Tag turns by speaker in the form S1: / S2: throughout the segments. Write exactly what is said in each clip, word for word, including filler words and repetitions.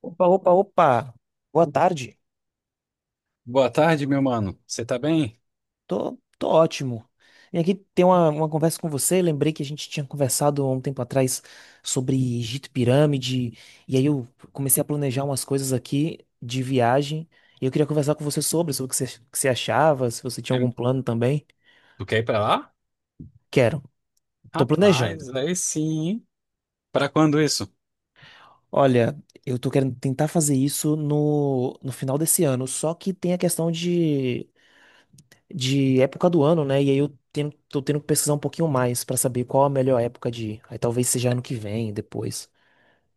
S1: Opa, opa, opa. Boa tarde.
S2: Boa tarde, meu mano. Você tá bem?
S1: Tô, tô ótimo. E aqui tem uma, uma conversa com você. Lembrei que a gente tinha conversado há um tempo atrás sobre Egito e Pirâmide. E aí eu comecei a planejar umas coisas aqui de viagem. E eu queria conversar com você sobre, sobre o que você, que você achava, se você tinha
S2: É,
S1: algum plano também.
S2: Tu quer ir pra lá?
S1: Quero. Tô planejando.
S2: Rapaz, aí sim. Hein? Pra quando isso?
S1: Olha, eu tô querendo tentar fazer isso no, no final desse ano. Só que tem a questão de de época do ano, né? E aí eu tenho, tô tendo que pesquisar um pouquinho mais pra saber qual a melhor época de ir. Aí talvez seja ano que vem, depois.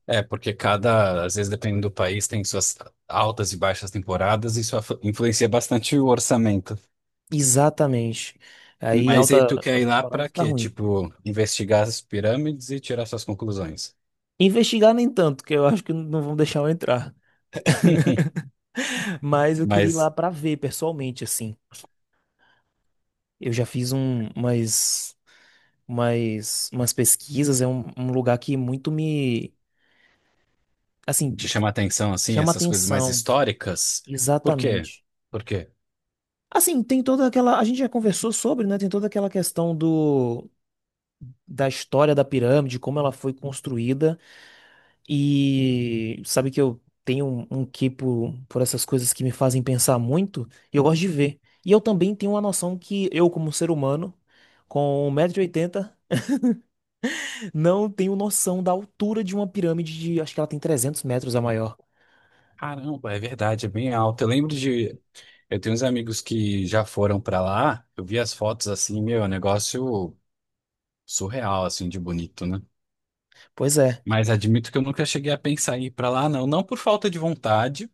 S2: É, porque cada, às vezes, dependendo do país, tem suas altas e baixas temporadas e isso aflu- influencia bastante o orçamento.
S1: Exatamente. Aí em
S2: Mas aí tu
S1: alta,
S2: quer ir
S1: alta
S2: lá
S1: temporada
S2: pra
S1: fica
S2: quê?
S1: ruim.
S2: Tipo, investigar as pirâmides e tirar suas conclusões.
S1: Investigar nem tanto, que eu acho que não vão deixar eu entrar. Mas eu queria ir lá
S2: Mas
S1: pra ver pessoalmente, assim. Eu já fiz um, umas, umas, umas pesquisas, é um, um lugar que muito me,
S2: te
S1: assim,
S2: chama a atenção, assim,
S1: chama
S2: essas coisas mais
S1: atenção.
S2: históricas? Por quê?
S1: Exatamente.
S2: Por quê?
S1: Assim, tem toda aquela. A gente já conversou sobre, né? Tem toda aquela questão do da história da pirâmide, como ela foi construída. E sabe que eu tenho um, um quê por, por essas coisas que me fazem pensar muito, e eu gosto de ver. E eu também tenho uma noção que eu, como ser humano, com um metro e oitenta não tenho noção da altura de uma pirâmide de, acho que ela tem trezentos metros a maior.
S2: Caramba, é verdade, é bem alto. Eu lembro de eu tenho uns amigos que já foram pra lá, eu vi as fotos assim, meu, é um negócio surreal, assim, de bonito, né?
S1: Pois é,
S2: Mas admito que eu nunca cheguei a pensar em ir pra lá, não. Não por falta de vontade,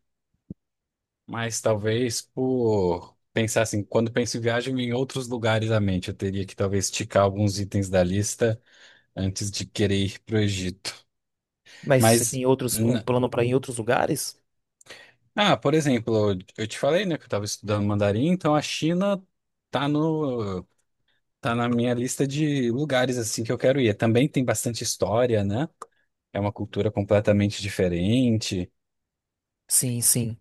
S2: mas talvez por pensar assim, quando penso em viagem em outros lugares à mente, eu teria que talvez ticar alguns itens da lista antes de querer ir pro Egito.
S1: mas você
S2: Mas,
S1: tem outros, um
S2: n-
S1: plano para ir em outros lugares?
S2: ah, por exemplo, eu te falei, né, que eu estava estudando mandarim, então a China tá no tá na minha lista de lugares assim que eu quero ir. Também tem bastante história, né? É uma cultura completamente diferente.
S1: Sim, sim.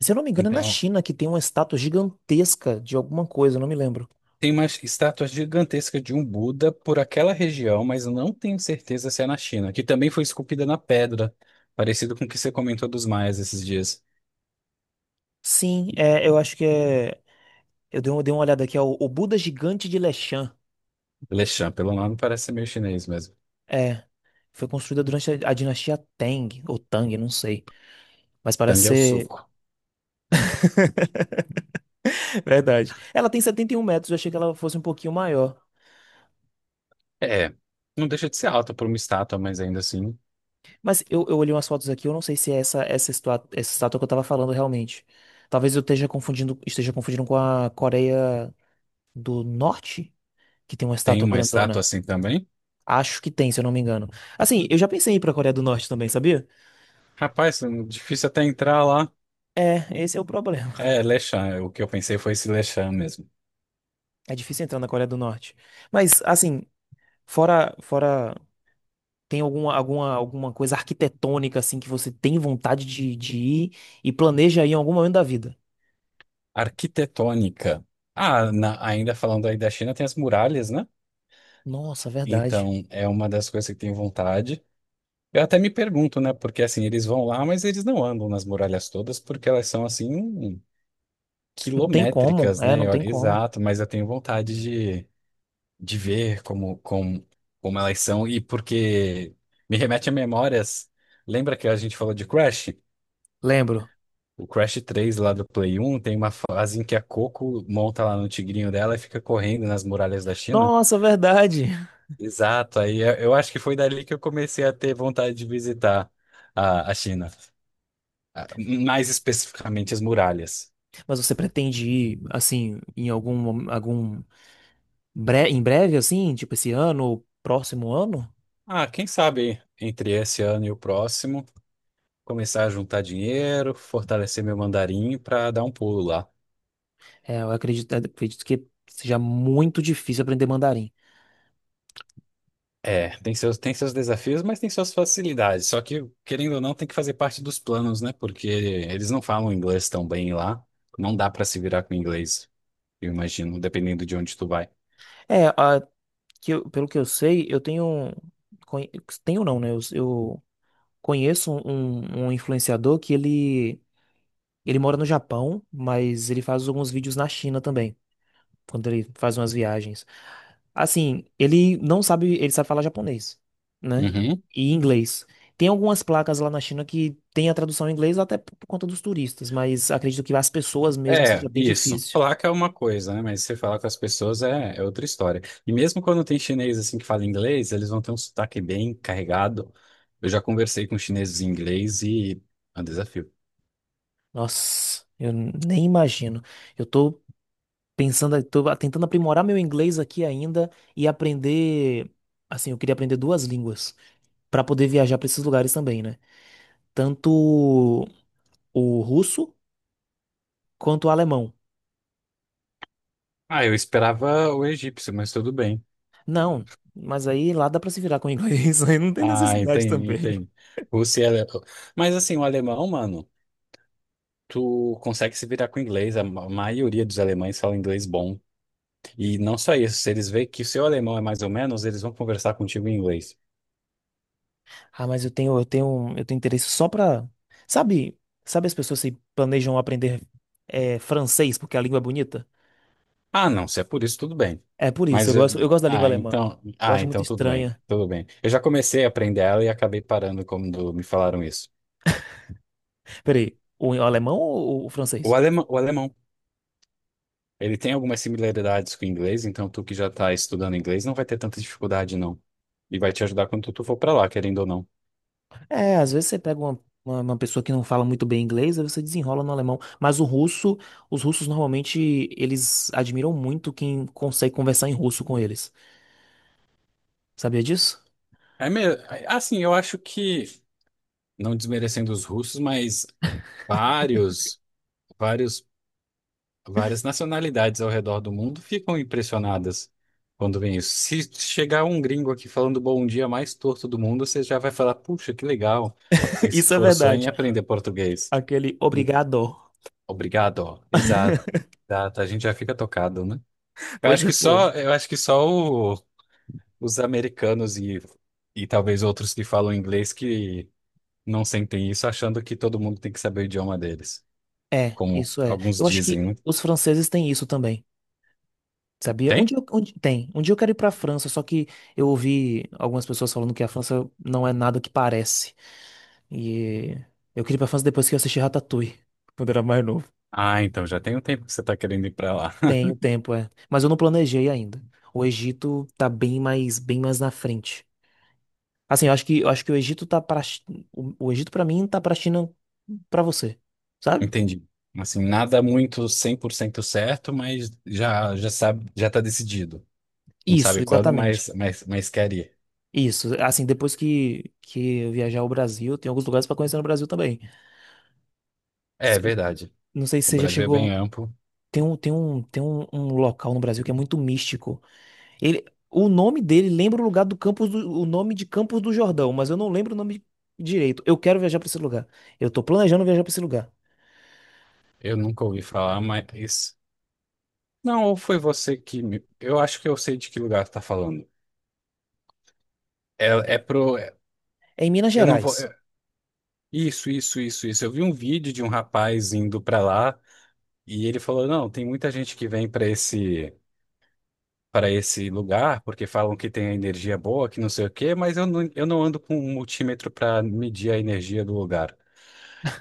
S1: Se eu não me engano, é na
S2: Então,
S1: China que tem uma estátua gigantesca de alguma coisa, eu não me lembro.
S2: tem uma estátua gigantesca de um Buda por aquela região, mas eu não tenho certeza se é na China, que também foi esculpida na pedra, parecido com o que você comentou dos maias esses dias.
S1: Sim, é, eu acho que é. Eu dei, uma- dei uma olhada aqui, é o, o Buda Gigante de Leshan.
S2: Lechã, pelo nome, parece ser meio chinês mesmo.
S1: É, foi construída durante a, a dinastia Tang, ou Tang, não sei. Mas parece
S2: Tang é o
S1: ser.
S2: suco.
S1: Verdade. Ela tem setenta e um metros, eu achei que ela fosse um pouquinho maior.
S2: É, não deixa de ser alta por uma estátua, mas ainda assim
S1: Mas eu, eu olhei umas fotos aqui, eu não sei se é essa, essa, estua- essa estátua que eu tava falando realmente. Talvez eu esteja confundindo, esteja confundindo com a Coreia do Norte, que tem uma
S2: tem
S1: estátua
S2: uma estátua
S1: grandona.
S2: assim também.
S1: Acho que tem, se eu não me engano. Assim, eu já pensei em ir pra Coreia do Norte também, sabia?
S2: Rapaz, é difícil até entrar lá.
S1: É, esse é o problema.
S2: É, Lechan, é, o que eu pensei foi esse Lechan mesmo.
S1: É difícil entrar na Coreia do Norte. Mas, assim, Fora, fora, tem alguma, alguma, alguma coisa arquitetônica assim que você tem vontade de, de ir e planeja ir em algum momento da vida?
S2: Arquitetônica. Ah, na- ainda falando aí da China, tem as muralhas, né?
S1: Nossa, verdade.
S2: Então, é uma das coisas que tenho vontade. Eu até me pergunto, né? Porque assim, eles vão lá, mas eles não andam nas muralhas todas, porque elas são assim,
S1: Não tem como,
S2: quilométricas,
S1: é,
S2: né? E
S1: não tem
S2: olha,
S1: como.
S2: exato, mas eu tenho vontade de, de ver como, como, como elas são, e porque me remete a memórias. Lembra que a gente falou de Crash?
S1: Lembro.
S2: O Crash três lá do Play um tem uma fase em que a Coco monta lá no tigrinho dela e fica correndo nas muralhas da China.
S1: Nossa, verdade.
S2: Exato, aí eu eu acho que foi dali que eu comecei a ter vontade de visitar a, a China, ah, mais especificamente as muralhas.
S1: Mas você pretende ir assim em algum mom- algum bre em breve assim, tipo esse ano ou próximo ano?
S2: Ah, quem sabe entre esse ano e o próximo, começar a juntar dinheiro, fortalecer meu mandarim para dar um pulo lá.
S1: É, eu acredito, acredito que seja muito difícil aprender mandarim.
S2: É, tem seus, tem seus desafios, mas tem suas facilidades. Só que, querendo ou não, tem que fazer parte dos planos, né? Porque eles não falam inglês tão bem lá. Não dá pra se virar com inglês, eu imagino, dependendo de onde tu vai.
S1: É, a, que eu- pelo que eu sei, eu tenho conhe- tenho não, né? Eu, eu Conheço um, um- um influenciador que ele, ele mora no Japão, mas ele faz alguns vídeos na China também, quando ele faz umas viagens. Assim, ele não sabe, ele sabe falar japonês, né?
S2: Uhum.
S1: E inglês. Tem algumas placas lá na China que tem a tradução em inglês até por conta dos turistas, mas acredito que as pessoas mesmo seja
S2: É,
S1: bem
S2: isso.
S1: difícil.
S2: Placa é uma coisa, né? Mas você falar com as pessoas é, é outra história. E mesmo quando tem chinês assim que fala inglês, eles vão ter um sotaque bem carregado. Eu já conversei com chineses em inglês e é um desafio.
S1: Nossa, eu nem imagino. Eu tô pensando, tô tentando aprimorar meu inglês aqui ainda e aprender, assim, eu queria aprender duas línguas para poder viajar para esses lugares também, né? Tanto o russo quanto o alemão.
S2: Ah, eu esperava o egípcio, mas tudo bem.
S1: Não, mas aí lá dá para se virar com o inglês, aí não tem
S2: Ah,
S1: necessidade
S2: entendi,
S1: também.
S2: entendi. Você é alemão. Mas assim, o alemão, mano, tu consegue se virar com o inglês. A ma- maioria dos alemães fala inglês bom. E não só isso, se eles veem que o seu alemão é mais ou menos, eles vão conversar contigo em inglês.
S1: Ah, mas eu tenho, eu tenho, eu tenho interesse só pra. Sabe, sabe as pessoas se planejam aprender é, francês porque a língua é bonita?
S2: Ah, não, se é por isso, tudo bem.
S1: É por isso, eu
S2: Mas, eh,
S1: gosto, eu gosto da língua
S2: ah,
S1: alemã.
S2: então,
S1: Eu
S2: ah,
S1: acho muito
S2: então tudo bem,
S1: estranha.
S2: tudo bem. Eu já comecei a aprender ela e acabei parando quando me falaram isso.
S1: Peraí, o alemão ou o
S2: O
S1: francês?
S2: alemão, o alemão Ele tem algumas similaridades com o inglês, então tu que já tá estudando inglês não vai ter tanta dificuldade, não. E vai te ajudar quando tu for pra lá, querendo ou não.
S1: É, às vezes você pega uma, uma, uma pessoa que não fala muito bem inglês, aí você desenrola no alemão. Mas o russo, os russos normalmente, eles admiram muito quem consegue conversar em russo com eles. Sabia disso?
S2: É mesmo, assim, eu acho que, não desmerecendo os russos, mas vários, vários, várias nacionalidades ao redor do mundo ficam impressionadas quando vem isso. Se chegar um gringo aqui falando bom dia mais torto do mundo, você já vai falar, puxa, que legal, ele se
S1: Isso é
S2: esforçou em
S1: verdade.
S2: aprender português.
S1: Aquele
S2: Em-
S1: obrigado.
S2: Obrigado, ó. Exato. Exato, a gente já fica tocado, né? Eu
S1: Pois
S2: acho
S1: é,
S2: que
S1: pô.
S2: só, eu acho que só o- os americanos e, e talvez outros que falam inglês que não sentem isso, achando que todo mundo tem que saber o idioma deles,
S1: É,
S2: como
S1: isso é.
S2: alguns
S1: Eu acho que
S2: dizem, né?
S1: os franceses têm isso também. Sabia? Um
S2: Tem?
S1: dia, eu- um di- tem. Um dia eu quero ir pra França, só que eu ouvi algumas pessoas falando que a França não é nada que parece. E eu queria ir pra França depois que eu assisti Ratatouille, quando eu era mais novo.
S2: Ah, então já tem um tempo que você está querendo ir para lá.
S1: Tenho tempo, é. Mas eu não planejei ainda. O Egito tá bem mais, bem mais na frente. Assim, eu acho que, eu acho que o Egito tá para o, o Egito para mim tá para China para você, sabe?
S2: Entendi. Assim, nada muito cem por cento certo, mas já já sabe, já está decidido. Não
S1: Isso,
S2: sabe quando, mas,
S1: exatamente.
S2: mas, mas quer ir.
S1: Isso. Assim, depois que que eu viajar ao Brasil, tem alguns lugares para conhecer no Brasil também.
S2: É
S1: Se-
S2: verdade.
S1: Não sei se
S2: O
S1: você já
S2: Brasil é bem
S1: chegou.
S2: amplo.
S1: Tem um, tem um, tem um, um local no Brasil que é muito místico. Ele, o nome dele lembra o lugar do Campos do, o nome de Campos do Jordão, mas eu não lembro o nome direito. Eu quero viajar para esse lugar. Eu tô planejando viajar para esse lugar.
S2: Eu nunca ouvi falar, mas não, ou foi você que me. Eu acho que eu sei de que lugar você tá falando. É, é pro. É-
S1: É em Minas
S2: Eu não vou.
S1: Gerais.
S2: É- Isso, isso, isso, isso. Eu vi um vídeo de um rapaz indo pra lá e ele falou: não, tem muita gente que vem pra esse para esse lugar porque falam que tem a energia boa, que não sei o quê, mas eu não, eu não ando com um multímetro pra medir a energia do lugar.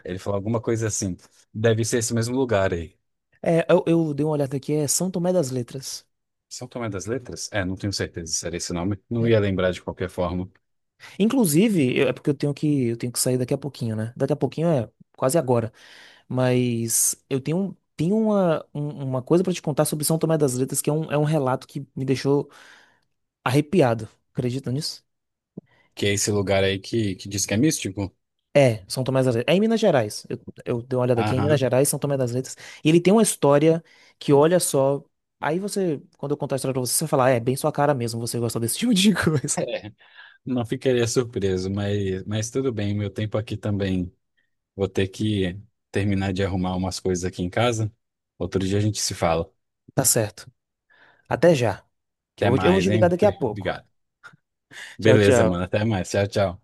S2: Ele falou alguma coisa assim. Deve ser esse mesmo lugar aí.
S1: É, eu, eu dei uma olhada aqui, é São Tomé das Letras.
S2: São Tomé das Letras? É, não tenho certeza se era esse nome. Não
S1: É.
S2: ia lembrar de qualquer forma.
S1: Inclusive, eu- é porque eu tenho que, eu tenho que sair daqui a pouquinho, né? Daqui a pouquinho é quase agora. Mas eu tenho, um- tenho uma, um- uma coisa para te contar sobre São Tomé das Letras, que é um, é um relato que me deixou arrepiado. Acredita nisso?
S2: Que é esse lugar aí que, que diz que é místico.
S1: É, São Tomé das Letras. É em Minas Gerais. Eu, eu dei uma olhada aqui, é em Minas
S2: Aham.
S1: Gerais, São Tomé das Letras. E ele tem uma história que, olha só. Aí você, quando eu contar a história pra você, você vai falar, "Ah, é, bem sua cara mesmo, você gosta desse tipo de coisa.
S2: É. Não ficaria surpreso, mas, mas tudo bem, meu tempo aqui também. Vou ter que terminar de arrumar umas coisas aqui em casa. Outro dia a gente se fala.
S1: Tá certo. Até já. Que eu
S2: Até
S1: vou, eu vou
S2: mais,
S1: te ligar
S2: hein?
S1: daqui a pouco.
S2: Obrigado.
S1: Tchau,
S2: Beleza, mano.
S1: tchau.
S2: Até mais. Tchau, tchau.